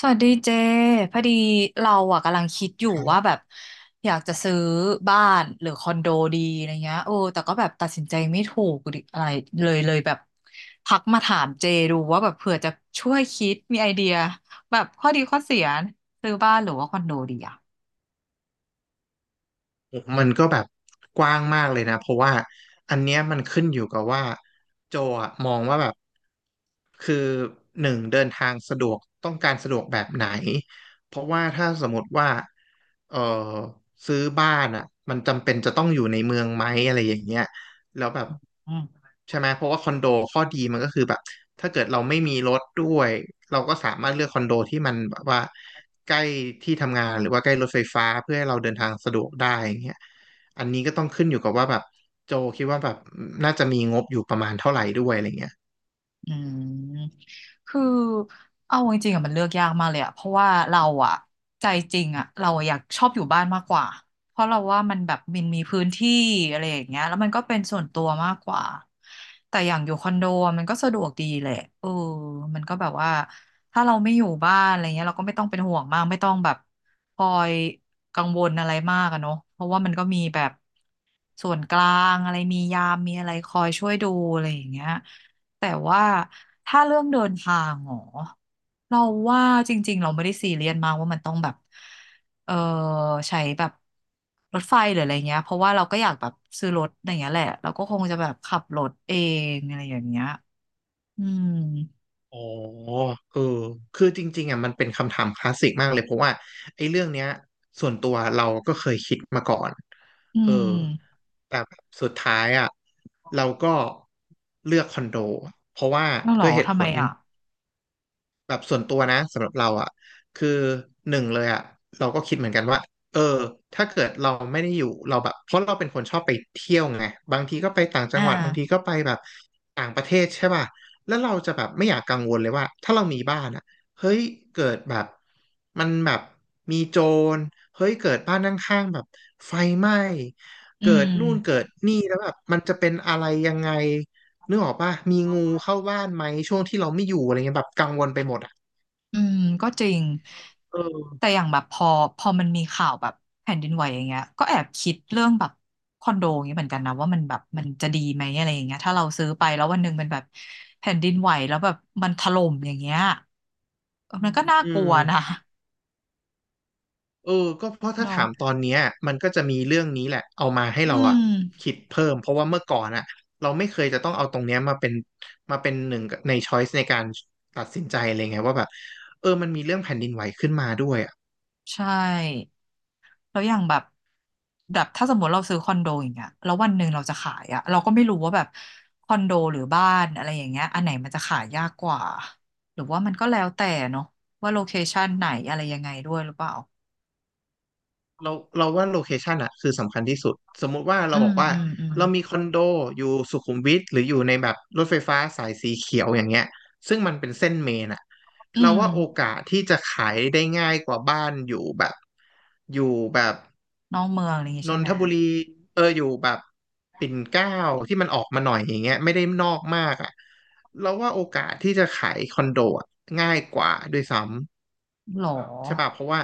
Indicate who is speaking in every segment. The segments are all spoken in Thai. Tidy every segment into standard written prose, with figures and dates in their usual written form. Speaker 1: สวัสดีเจพอดีเราอะกำลังคิดอยู่ว่าแบบอยากจะซื้อบ้านหรือคอนโดดีอะไรเงี้ยโอ้แต่ก็แบบตัดสินใจไม่ถูกดิอะไรเลยแบบทักมาถามเจดูว่าแบบเผื่อจะช่วยคิดมีไอเดียแบบข้อดีข้อเสียซื้อบ้านหรือว่าคอนโดดีอะ
Speaker 2: มันก็แบบกว้างมากเลยนะเพราะว่าอันเนี้ยมันขึ้นอยู่กับว่าโจอะมองว่าแบบคือหนึ่งเดินทางสะดวกต้องการสะดวกแบบไหนเพราะว่าถ้าสมมติว่าเออซื้อบ้านอ่ะมันจำเป็นจะต้องอยู่ในเมืองไหมอะไรอย่างเงี้ยแล้วแบบ
Speaker 1: อืม
Speaker 2: ใช่ไหมเพราะว่าคอนโดข้อดีมันก็คือแบบถ้าเกิดเราไม่มีรถด้วยเราก็สามารถเลือกคอนโดที่มันแบบว่า ใกล้ที่ทำงานหรือว่าใกล้รถไฟฟ้าเพื่อให้เราเดินทางสะดวกได้อย่างเงี้ยอันนี้ก็ต้องขึ้นอยู่กับว่าแบบโจคิดว่าแบบน่าจะมีงบอยู่ประมาณเท่าไหร่ด้วยอะไรเงี้ย
Speaker 1: อืมคือเอาจริงๆอะมันเลือกยากมากเลยอะเพราะว่าเราอะใจจริงอะเราอะอยากชอบอยู่บ้านมากกว่าเพราะเราว่ามันแบบมันมีพื้นที่อะไรอย่างเงี้ยแล้วมันก็เป็นส่วนตัวมากกว่าแต่อย่างอยู่คอนโดอะมันก็สะดวกดีแหละเออมันก็แบบว่าถ้าเราไม่อยู่บ้านอะไรเงี้ยเราก็ไม่ต้องเป็นห่วงมากไม่ต้องแบบคอยกังวลอะไรมากอะเนาะเพราะว่ามันก็มีแบบส่วนกลางอะไรมียามมีอะไรคอยช่วยดูอะไรอย่างเงี้ย แต่ว่าถ้าเรื่องเดินทางหรอเราว่าจริงๆเราไม่ได้ซีเรียสมากว่ามันต้องแบบเออใช้แบบรถไฟหรืออะไรเงี้ยเพราะว่าเราก็อยากแบบซื้อรถอะไรเงี้ยแหละเราก็คงจะแบบขับรถเองอะไรอย่างเงี้ยอืม
Speaker 2: อ๋อเออคือจริงๆอ่ะมันเป็นคำถามคลาสสิกมากเลยเพราะว่าไอ้เรื่องเนี้ยส่วนตัวเราก็เคยคิดมาก่อน
Speaker 1: อื
Speaker 2: เออ
Speaker 1: ม
Speaker 2: แต่แบบสุดท้ายอ่ะเราก็เลือกคอนโดเพราะว่า
Speaker 1: แล้วเหร
Speaker 2: ด้
Speaker 1: อ
Speaker 2: วยเหตุ
Speaker 1: ทำ
Speaker 2: ผ
Speaker 1: ไม
Speaker 2: ล
Speaker 1: อ่ะ
Speaker 2: แบบส่วนตัวนะสำหรับเราอ่ะคือหนึ่งเลยอ่ะเราก็คิดเหมือนกันว่าเออถ้าเกิดเราไม่ได้อยู่เราแบบเพราะเราเป็นคนชอบไปเที่ยวไงบางทีก็ไปต่างจั
Speaker 1: อ่า
Speaker 2: งหวัดบางทีก็ไปแบบต่างประเทศใช่ป่ะแล้วเราจะแบบไม่อยากกังวลเลยว่าถ้าเรามีบ้านอ่ะเฮ้ยเกิดแบบมันแบบมีโจรเฮ้ยเกิดบ้านข้างๆแบบไฟไหม้
Speaker 1: อื
Speaker 2: เกิดนู่นเกิ
Speaker 1: ม
Speaker 2: ดนี่แล้วแบบมันจะเป็นอะไรยังไงนึกออกป่ะมีงูเข้าบ้านไหมช่วงที่เราไม่อยู่อะไรเงี้ยแบบกังวลไปหมด
Speaker 1: อืมก็จริง
Speaker 2: เอ
Speaker 1: แต่
Speaker 2: อ
Speaker 1: อย่างแบบพอมันมีข่าวแบบแผ่นดินไหวอย่างเงี้ยก็แอบคิดเรื่องแบบคอนโดอย่างเงี้ยเหมือนกันนะว่ามันแบบมันจะดีไหมอะไรอย่างเงี้ยถ้าเราซื้อไปแล้ววันหนึ่งมันแบบแผ่นดินไหวแล้วแบบมันถล่มอย่างเงี้ยเออมันก็น่า
Speaker 2: อื
Speaker 1: กลั
Speaker 2: ม
Speaker 1: วนะ
Speaker 2: เออก็เพราะถ้า
Speaker 1: เนาะ
Speaker 2: ถามตอนเนี้ยมันก็จะมีเรื่องนี้แหละเอามาให้
Speaker 1: อื
Speaker 2: เราอะ
Speaker 1: ม
Speaker 2: คิดเพิ่มเพราะว่าเมื่อก่อนอะเราไม่เคยจะต้องเอาตรงเนี้ยมาเป็น หนึ่งในช้อยส์ในการตัดสินใจเลยไงว่าแบบ มันมีเรื่องแผ่นดินไหวขึ้นมาด้วยอะ
Speaker 1: ใช่แล้วอย่างแบบแบบถ้าสมมติเราซื้อคอนโดอย่างเงี้ยแล้ววันหนึ่งเราจะขายอะเราก็ไม่รู้ว่าแบบคอนโดหรือบ้านอะไรอย่างเงี้ยอันไหนมันจะขายยากกว่าหรือว่ามันก็แล้วแต่เนาะว่าโลเคชันไหนอะไรยังไงด้วยหรือเปล่า
Speaker 2: เราเราว่าโลเคชันอะคือสำคัญที่สุดสมมุติว่า
Speaker 1: อื
Speaker 2: เราบ
Speaker 1: ม
Speaker 2: อกว่า
Speaker 1: อืมอืม
Speaker 2: เรามีคอนโดอยู่สุขุมวิทหรืออยู่ในแบบรถไฟฟ้าสายสีเขียวอย่างเงี้ยซึ่งมันเป็นเส้นเมนอะ
Speaker 1: อื
Speaker 2: เรา
Speaker 1: ม
Speaker 2: ว่าโอกาสที่จะขายได้ง่ายกว่าบ้านอยู่แบบอยู่แบบ
Speaker 1: น้องเมืองอะไรอย่างงี้
Speaker 2: น
Speaker 1: ใช่
Speaker 2: น
Speaker 1: ไหม
Speaker 2: ทบุรีอยู่แบบปิ่นเกล้าที่มันออกมาหน่อยอย่างเงี้ยไม่ได้นอกมากอะเราว่าโอกาสที่จะขายคอนโดอะง่ายกว่าด้วยซ้ำ
Speaker 1: หรอ
Speaker 2: ใช่ป่ะเพราะว่า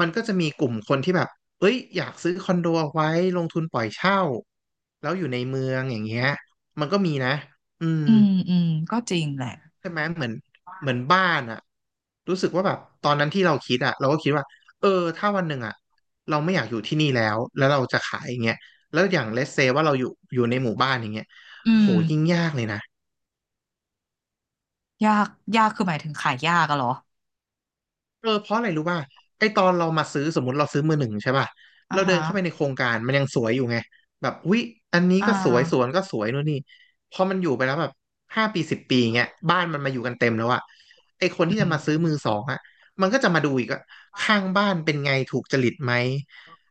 Speaker 2: มันก็จะมีกลุ่มคนที่แบบเอ้ยอยากซื้อคอนโดเอาไว้ลงทุนปล่อยเช่าแล้วอยู่ในเมืองอย่างเงี้ยมันก็มีนะอืม
Speaker 1: อืมอืมก็จริงแหละ
Speaker 2: ใช่ไหมเหมือนบ้านอะรู้สึกว่าแบบตอนนั้นที่เราคิดอะเราก็คิดว่าเออถ้าวันหนึ่งอะเราไม่อยากอยู่ที่นี่แล้วแล้วเราจะขายอย่างเงี้ยแล้วอย่างเลสเซว่าเราอยู่ในหมู่บ้านอย่างเงี้ย
Speaker 1: อื
Speaker 2: โห
Speaker 1: ม
Speaker 2: ยิ่งยากเลยนะ
Speaker 1: ยากยากคือหมายถึงขายยากอะเหรอ
Speaker 2: เพราะอะไรรู้ป่ะไอตอนเรามาซื้อสมมติเราซื้อมือหนึ่งใช่ป่ะ
Speaker 1: อ่า
Speaker 2: เราเดิ
Speaker 1: ฮะ
Speaker 2: นเข้าไปในโครงการมันยังสวยอยู่ไงแบบอุ๊ยอันนี้
Speaker 1: อ่า
Speaker 2: ก็สวยสวนก็สวยนู่นนี่พอมันอยู่ไปแล้วแบบ5 ปี10 ปีเงี้ยบ้านมันมาอยู่กันเต็มแล้วอะไอคนที่
Speaker 1: อื
Speaker 2: จะมาซื้อมือส
Speaker 1: ม
Speaker 2: องอะมันก็จะมาดูอีกว่าข้างบ้านเป็นไงถูกจริตไหม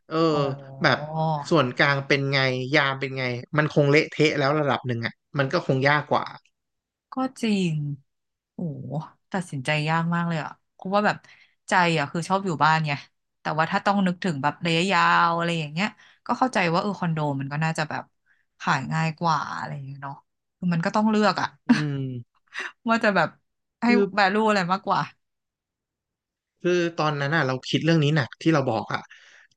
Speaker 2: เออ
Speaker 1: อ๋อ
Speaker 2: แบบส่วนกลางเป็นไงยามเป็นไงมันคงเละเทะแล้วระดับหนึ่งอะมันก็คงยากกว่า
Speaker 1: ก็จริงโอ้โหตัดสินใจยากมากเลยอ่ะเพราะว่าแบบใจอ่ะคือชอบอยู่บ้านไงแต่ว่าถ้าต้องนึกถึงแบบระยะยาวอะไรอย่างเงี้ยก็เข้าใจว่าเออคอนโดมันก็น่าจะแบบขายง่ายกว่าอะไรอย่างเงี้ยเนาะคือมันก็ต้องเลือกอ่ะ
Speaker 2: อืม
Speaker 1: ว่าจะแบบให้
Speaker 2: คือ
Speaker 1: value อะไรมากกว่า
Speaker 2: คือตอนนั้นอ่ะเราคิดเรื่องนี้หนักที่เราบอกอ่ะ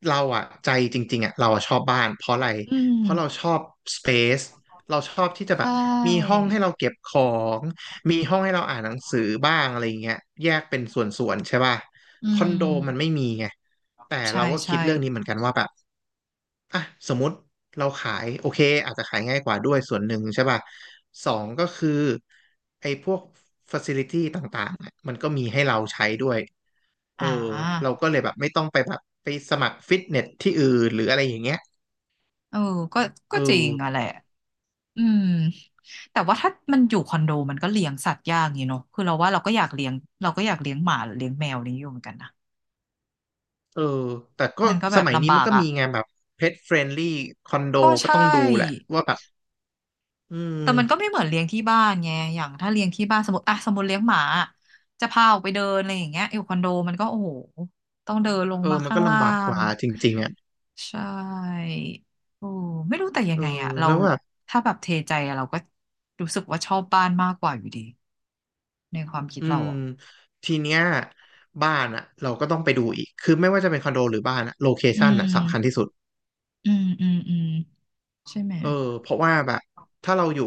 Speaker 2: เราอ่ะใจจริงๆอ่ะเราอะชอบบ้านเพราะอะไร
Speaker 1: อื
Speaker 2: เพ
Speaker 1: ม
Speaker 2: ราะเราชอบสเปซเราชอบที่จะแบ
Speaker 1: ใช่
Speaker 2: บมีห้องให้เราเก็บของมีห้องให้เราอ่านหนังสือบ้างอะไรอย่างเงี้ยแยกเป็นส่วนๆใช่ป่ะ
Speaker 1: อื
Speaker 2: คอนโดมันไม่
Speaker 1: ม
Speaker 2: มีไงแต่
Speaker 1: ใช่
Speaker 2: เราก็คิ
Speaker 1: ใช่
Speaker 2: ดเรื่องนี้เหมือนกันว่าแบบอ่ะสมมติเราขายโอเคอาจจะขายง่ายกว่าด้วยส่วนหนึ่งใช่ป่ะสองก็คือไอ้พวก facility ต่างๆอะมันก็มีให้เราใช้ด้วย เอ
Speaker 1: อ่
Speaker 2: อเรา
Speaker 1: า
Speaker 2: ก็เลยแบบไม่ต้องไปแบบไปสมัครฟิตเนสที่อื่นหรืออะไรอย่างเงี้ย
Speaker 1: เออก็ก็
Speaker 2: เออ
Speaker 1: จริงอะแหละ อืมแต่ว่าถ้ามันอยู่คอนโดมันก็เลี้ยงสัตว์ยากอยู่เนอะคือเราว่าเราก็อยากเลี้ยงเราก็อยากเลี้ยงหมาหรือเลี้ยงแมวนี้อยู่เหมือนกันนะ
Speaker 2: เออแต่ก็
Speaker 1: มันก็แบ
Speaker 2: ส
Speaker 1: บ
Speaker 2: มัย
Speaker 1: ลำ
Speaker 2: นี้
Speaker 1: บา
Speaker 2: มัน
Speaker 1: ก
Speaker 2: ก็
Speaker 1: อ่ะ
Speaker 2: มีไงแบบเพ t เฟรนลี่คอนโด
Speaker 1: ก็
Speaker 2: ก็
Speaker 1: ใช่
Speaker 2: ต้องดูแหละว่าแบบอื
Speaker 1: แต่มันก็ไม่
Speaker 2: ม
Speaker 1: เหมือนเลี้ยงที่บ้านไงอย่างถ้าเลี้ยงที่บ้านสมมติอ่ะสมมติเลี้ยงหมาอจะพาออกไปเดินอะไรอย่างเงี้ยอยู่คอนโดมันก็โอ้โหต้องเดินลงมา
Speaker 2: มัน
Speaker 1: ข้าง
Speaker 2: ก็
Speaker 1: ล่า
Speaker 2: ลำบากก
Speaker 1: ง
Speaker 2: ว่าจริงๆอ่ะ
Speaker 1: ใช่โอ้ไม่รู้แต่ยั
Speaker 2: เอ
Speaker 1: ง
Speaker 2: อ
Speaker 1: ไงอ่ะเรา
Speaker 2: แล้วแบบ
Speaker 1: ถ้าแบบเทใจอะเราก็รู้สึกว่าชอบบ้านมากกว่าอยู่ดีในความคิด
Speaker 2: อื
Speaker 1: เรา
Speaker 2: ม
Speaker 1: อ่ะ
Speaker 2: ทีเนี้ยบ้านอ่ะเราก็ต้องไปดูอีกคือไม่ว่าจะเป็นคอนโดหรือบ้านอ่ะโลเค
Speaker 1: อื
Speaker 2: ชันอ่ะสำคัญที่
Speaker 1: ม
Speaker 2: สุด
Speaker 1: อืมอืมอืมใช่ไหม
Speaker 2: เออเพราะว่าแบบถ้าเราอยู่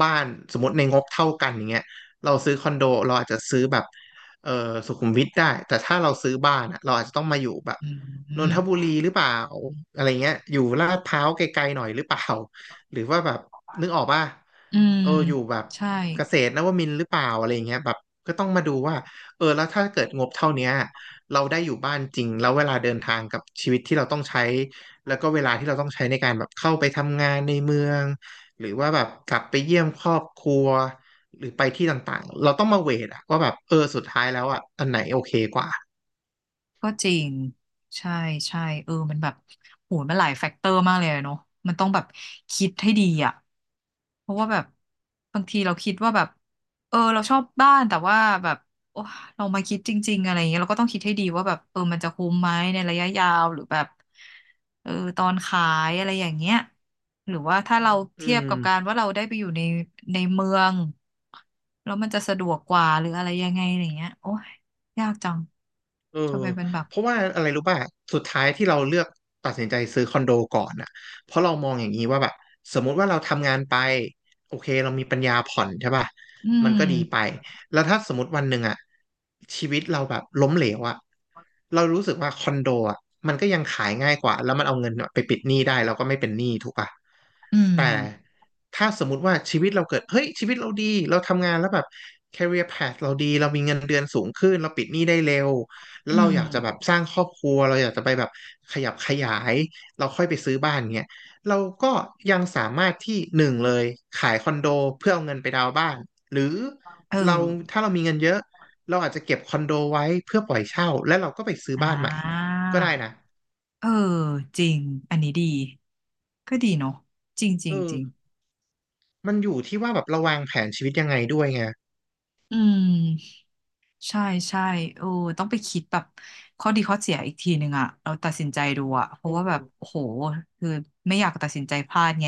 Speaker 2: บ้านสมมติในงบเท่ากันอย่างเงี้ยเราซื้อคอนโดเราอาจจะซื้อแบบเออสุขุมวิทได้แต่ถ้าเราซื้อบ้านอะเราอาจจะต้องมาอยู่แบบ
Speaker 1: อื
Speaker 2: นน
Speaker 1: ม
Speaker 2: ทบุรีหรือเปล่าอะไรเงี้ยอยู่ลาดพร้าวไกลๆหน่อยหรือเปล่า หรือว่าแบบนึกออกป่ะ
Speaker 1: อืม
Speaker 2: อยู่แบบ
Speaker 1: ใช่
Speaker 2: เกษตรนวมินทร์หรือเปล่าอะไรเงี้ยแบบก็ต้องมาดูว่าแล้วถ้าเกิดงบเท่าเนี้ยเราได้อยู่บ้านจริงแล้วเวลาเดินทางกับชีวิตที่เราต้องใช้ แล้วก็เวลาที่เราต้องใช้ในการแบบเข้าไปทำงานในเมืองหรือว่าแบบกลับไปเยี่ยมครอบครัวหรือไปที่ต่างๆเราต้องมาเวทอะว่าแบบสุดท้ายแล้วอะอันไหนโอเคกว่า
Speaker 1: ก็จริงใช่ใช่เออมันแบบโหมันหลายแฟกเตอร์มากเลยอะเนาะมันต้องแบบคิดให้ดีอ่ะเพราะว่าแบบบางทีเราคิดว่าแบบเออเราชอบบ้านแต่ว่าแบบโอ้เรามาคิดจริงๆอะไรอย่างเงี้ยเราก็ต้องคิดให้ดีว่าแบบเออมันจะคุ้มไหมในระยะยาวหรือแบบเออตอนขายอะไรอย่างเงี้ยหรือว่าถ้าเรา
Speaker 2: อื
Speaker 1: เทียบ
Speaker 2: ม
Speaker 1: กับการว่าเราได้ไปอยู่ในเมืองแล้วมันจะสะดวกกว่าหรืออะไรยังไงอย่างเงี้ยโอ้ย ยากจัง
Speaker 2: เออ
Speaker 1: จะไปเป็นแบบ
Speaker 2: เพราะว่าอะไรรู้ป่ะสุดท้ายที่เราเลือกตัดสินใจซื้อคอนโดก่อนน่ะเพราะเรามองอย่างนี้ว่าแบบสมมุติว่าเราทำงานไปโอเคเรามีปัญญาผ่อนใช่ป่ะ
Speaker 1: อื
Speaker 2: มัน
Speaker 1: ม
Speaker 2: ก็ดีไปแล้วถ้าสมมติวันหนึ่งอะชีวิตเราแบบล้มเหลวอะเรารู้สึกว่าคอนโดอะมันก็ยังขายง่ายกว่าแล้วมันเอาเงินไปปิดหนี้ได้เราก็ไม่เป็นหนี้ถูกป่ะ
Speaker 1: อื
Speaker 2: แต่
Speaker 1: ม
Speaker 2: ถ้าสมมุติว่าชีวิตเราเกิดเฮ้ยชีวิตเราดีเราทำงานแล้วแบบ career path เราดีเรามีเงินเดือนสูงขึ้นเราปิดหนี้ได้เร็วแล้
Speaker 1: อื
Speaker 2: วเราอ
Speaker 1: ม
Speaker 2: ยากจะแบบสร้างครอบครัวเราอยากจะไปแบบขยับขยายเราค่อยไปซื้อบ้านเงี้ยเราก็ยังสามารถที่หนึ่งเลยขายคอนโดเพื่อเอาเงินไปดาวน์บ้านหรือ
Speaker 1: เออ
Speaker 2: เราถ้าเรามีเงินเยอะเราอาจจะเก็บคอนโดไว้เพื่อปล่อยเช่าแล้วเราก็ไปซื้อ
Speaker 1: อ่
Speaker 2: บ้านใหม่
Speaker 1: า
Speaker 2: ก็ได้นะ
Speaker 1: เออจริง อันนี้ดี ก็ดีเนาะจริงจริ
Speaker 2: เอ
Speaker 1: งจริง
Speaker 2: อมันอยู่ที่ว่าแบบเราวางแผนชีวิตยังไงด้วยไง
Speaker 1: อืม ใช่ใช่เออต้องไปคิดแบบ ข้อดีข้อเสียอีกทีหนึ่งอะ เราตัดสินใจดูอะเพราะ
Speaker 2: อื
Speaker 1: ว่าแบบ
Speaker 2: ม
Speaker 1: โอ้โหคือไม่อยากตัดสินใจพลาดไง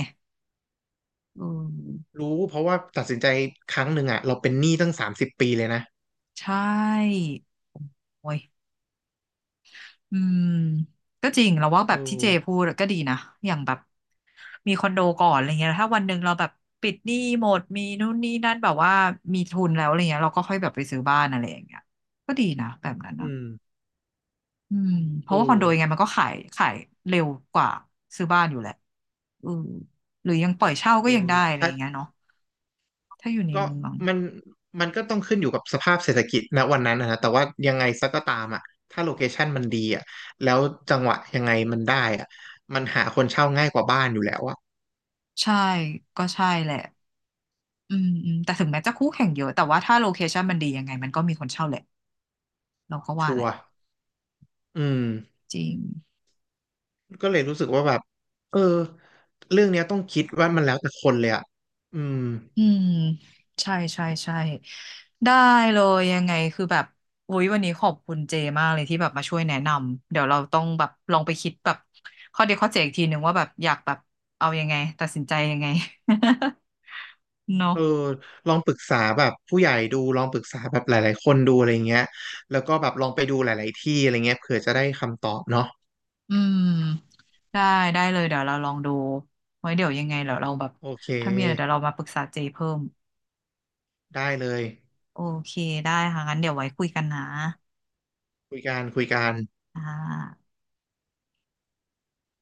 Speaker 1: เออ
Speaker 2: รู้เพราะว่าตัดสินใจครั้งหนึ่งอ่ะเราเป็นหนี้ตั้ง30 ปีเลยนะ
Speaker 1: ใช่ โอ้ย อืมก็จริงเราว่าแบ
Speaker 2: เอ
Speaker 1: บที่เจพู
Speaker 2: อ
Speaker 1: ดก็ดีนะอย่างแบบมีคอนโดก่อนอะไรเงี้ยถ้าวันหนึ่งเราแบบปิดหนี้หมดมีนู่นนี่นั่นแบบว่ามีทุนแล้วอะไรเงี้ยเราก็ค่อยแบบไปซื้อบ้านอะไรอย่างเงี้ยก็ดีนะแบบนั้นนะ
Speaker 2: อืม
Speaker 1: อืมเพ
Speaker 2: เออ
Speaker 1: ราะว่าคอนโดยังไงมันก็ขายเร็วกว่าซื้อบ้านอยู่แหละอืมหรือยังปล่อยเช่า
Speaker 2: เอ
Speaker 1: ก็ยัง
Speaker 2: อ
Speaker 1: ได้อะไร
Speaker 2: ถ้า
Speaker 1: เงี้ยเนาะถ้าอยู่ใน
Speaker 2: ก็
Speaker 1: เมือง
Speaker 2: มันมันก็ต้องขึ้นอยู่กับสภาพเศรษฐกิจณวันนั้นนะนะแต่ว่ายังไงซะก็ตามอ่ะถ้าโลเคชันมันดีอ่ะแล้วจังหวะยังไงมันได้อ่ะมันหาคนเช่าง่ายกว่าบ้านอยู่แล้วอ่ะ
Speaker 1: ใช่ก็ใช่แหละอืมอืมแต่ถึงแม้จะคู่แข่งเยอะแต่ว่าถ้าโลเคชันมันดียังไงมันก็มีคนเช่าแหละเราก็ว่า
Speaker 2: ชั
Speaker 1: แห
Speaker 2: ว
Speaker 1: ละ
Speaker 2: ร์อืม
Speaker 1: จริง
Speaker 2: ก็เลยรู้สึกว่าแบบเออเรื่องเนี้ยต้องคิดว่ามันแล้วแต่คนเลยอ่ะอืม
Speaker 1: อืมใช่ใช่ใช่ได้เลยยังไงคือแบบอุ๊ยวันนี้ขอบคุณเจมากเลยที่แบบมาช่วยแนะนำเดี๋ยวเราต้องแบบลองไปคิดแบบข้อดีข้อเสียอีกทีหนึ่งว่าแบบอยากแบบเอายังไงตัดสินใจยังไง เนาะ
Speaker 2: เออลองปรึกษาแบบผู้ใหญ่ดูลองปรึกษาแบบหลายๆคนดูอะไรเงี้ยแล้วก็แบบลองไปดูหลายๆที่อะไรเงี้ยเผื่อจะได้คำตอบเนาะ
Speaker 1: อืมได้ได้เลยเดี๋ยวเราลองดูไว้เดี๋ยวยังไงเดี๋ยวเราแบบ
Speaker 2: โอเค
Speaker 1: ถ้ามีอะไรเดี๋ยวเรามาปรึกษาเจเพิ่ม
Speaker 2: ได้เลย
Speaker 1: โอเคได้ค่ะงั้นเดี๋ยวไว้คุยกันนะ
Speaker 2: คุยกันคุยกัน
Speaker 1: อ่า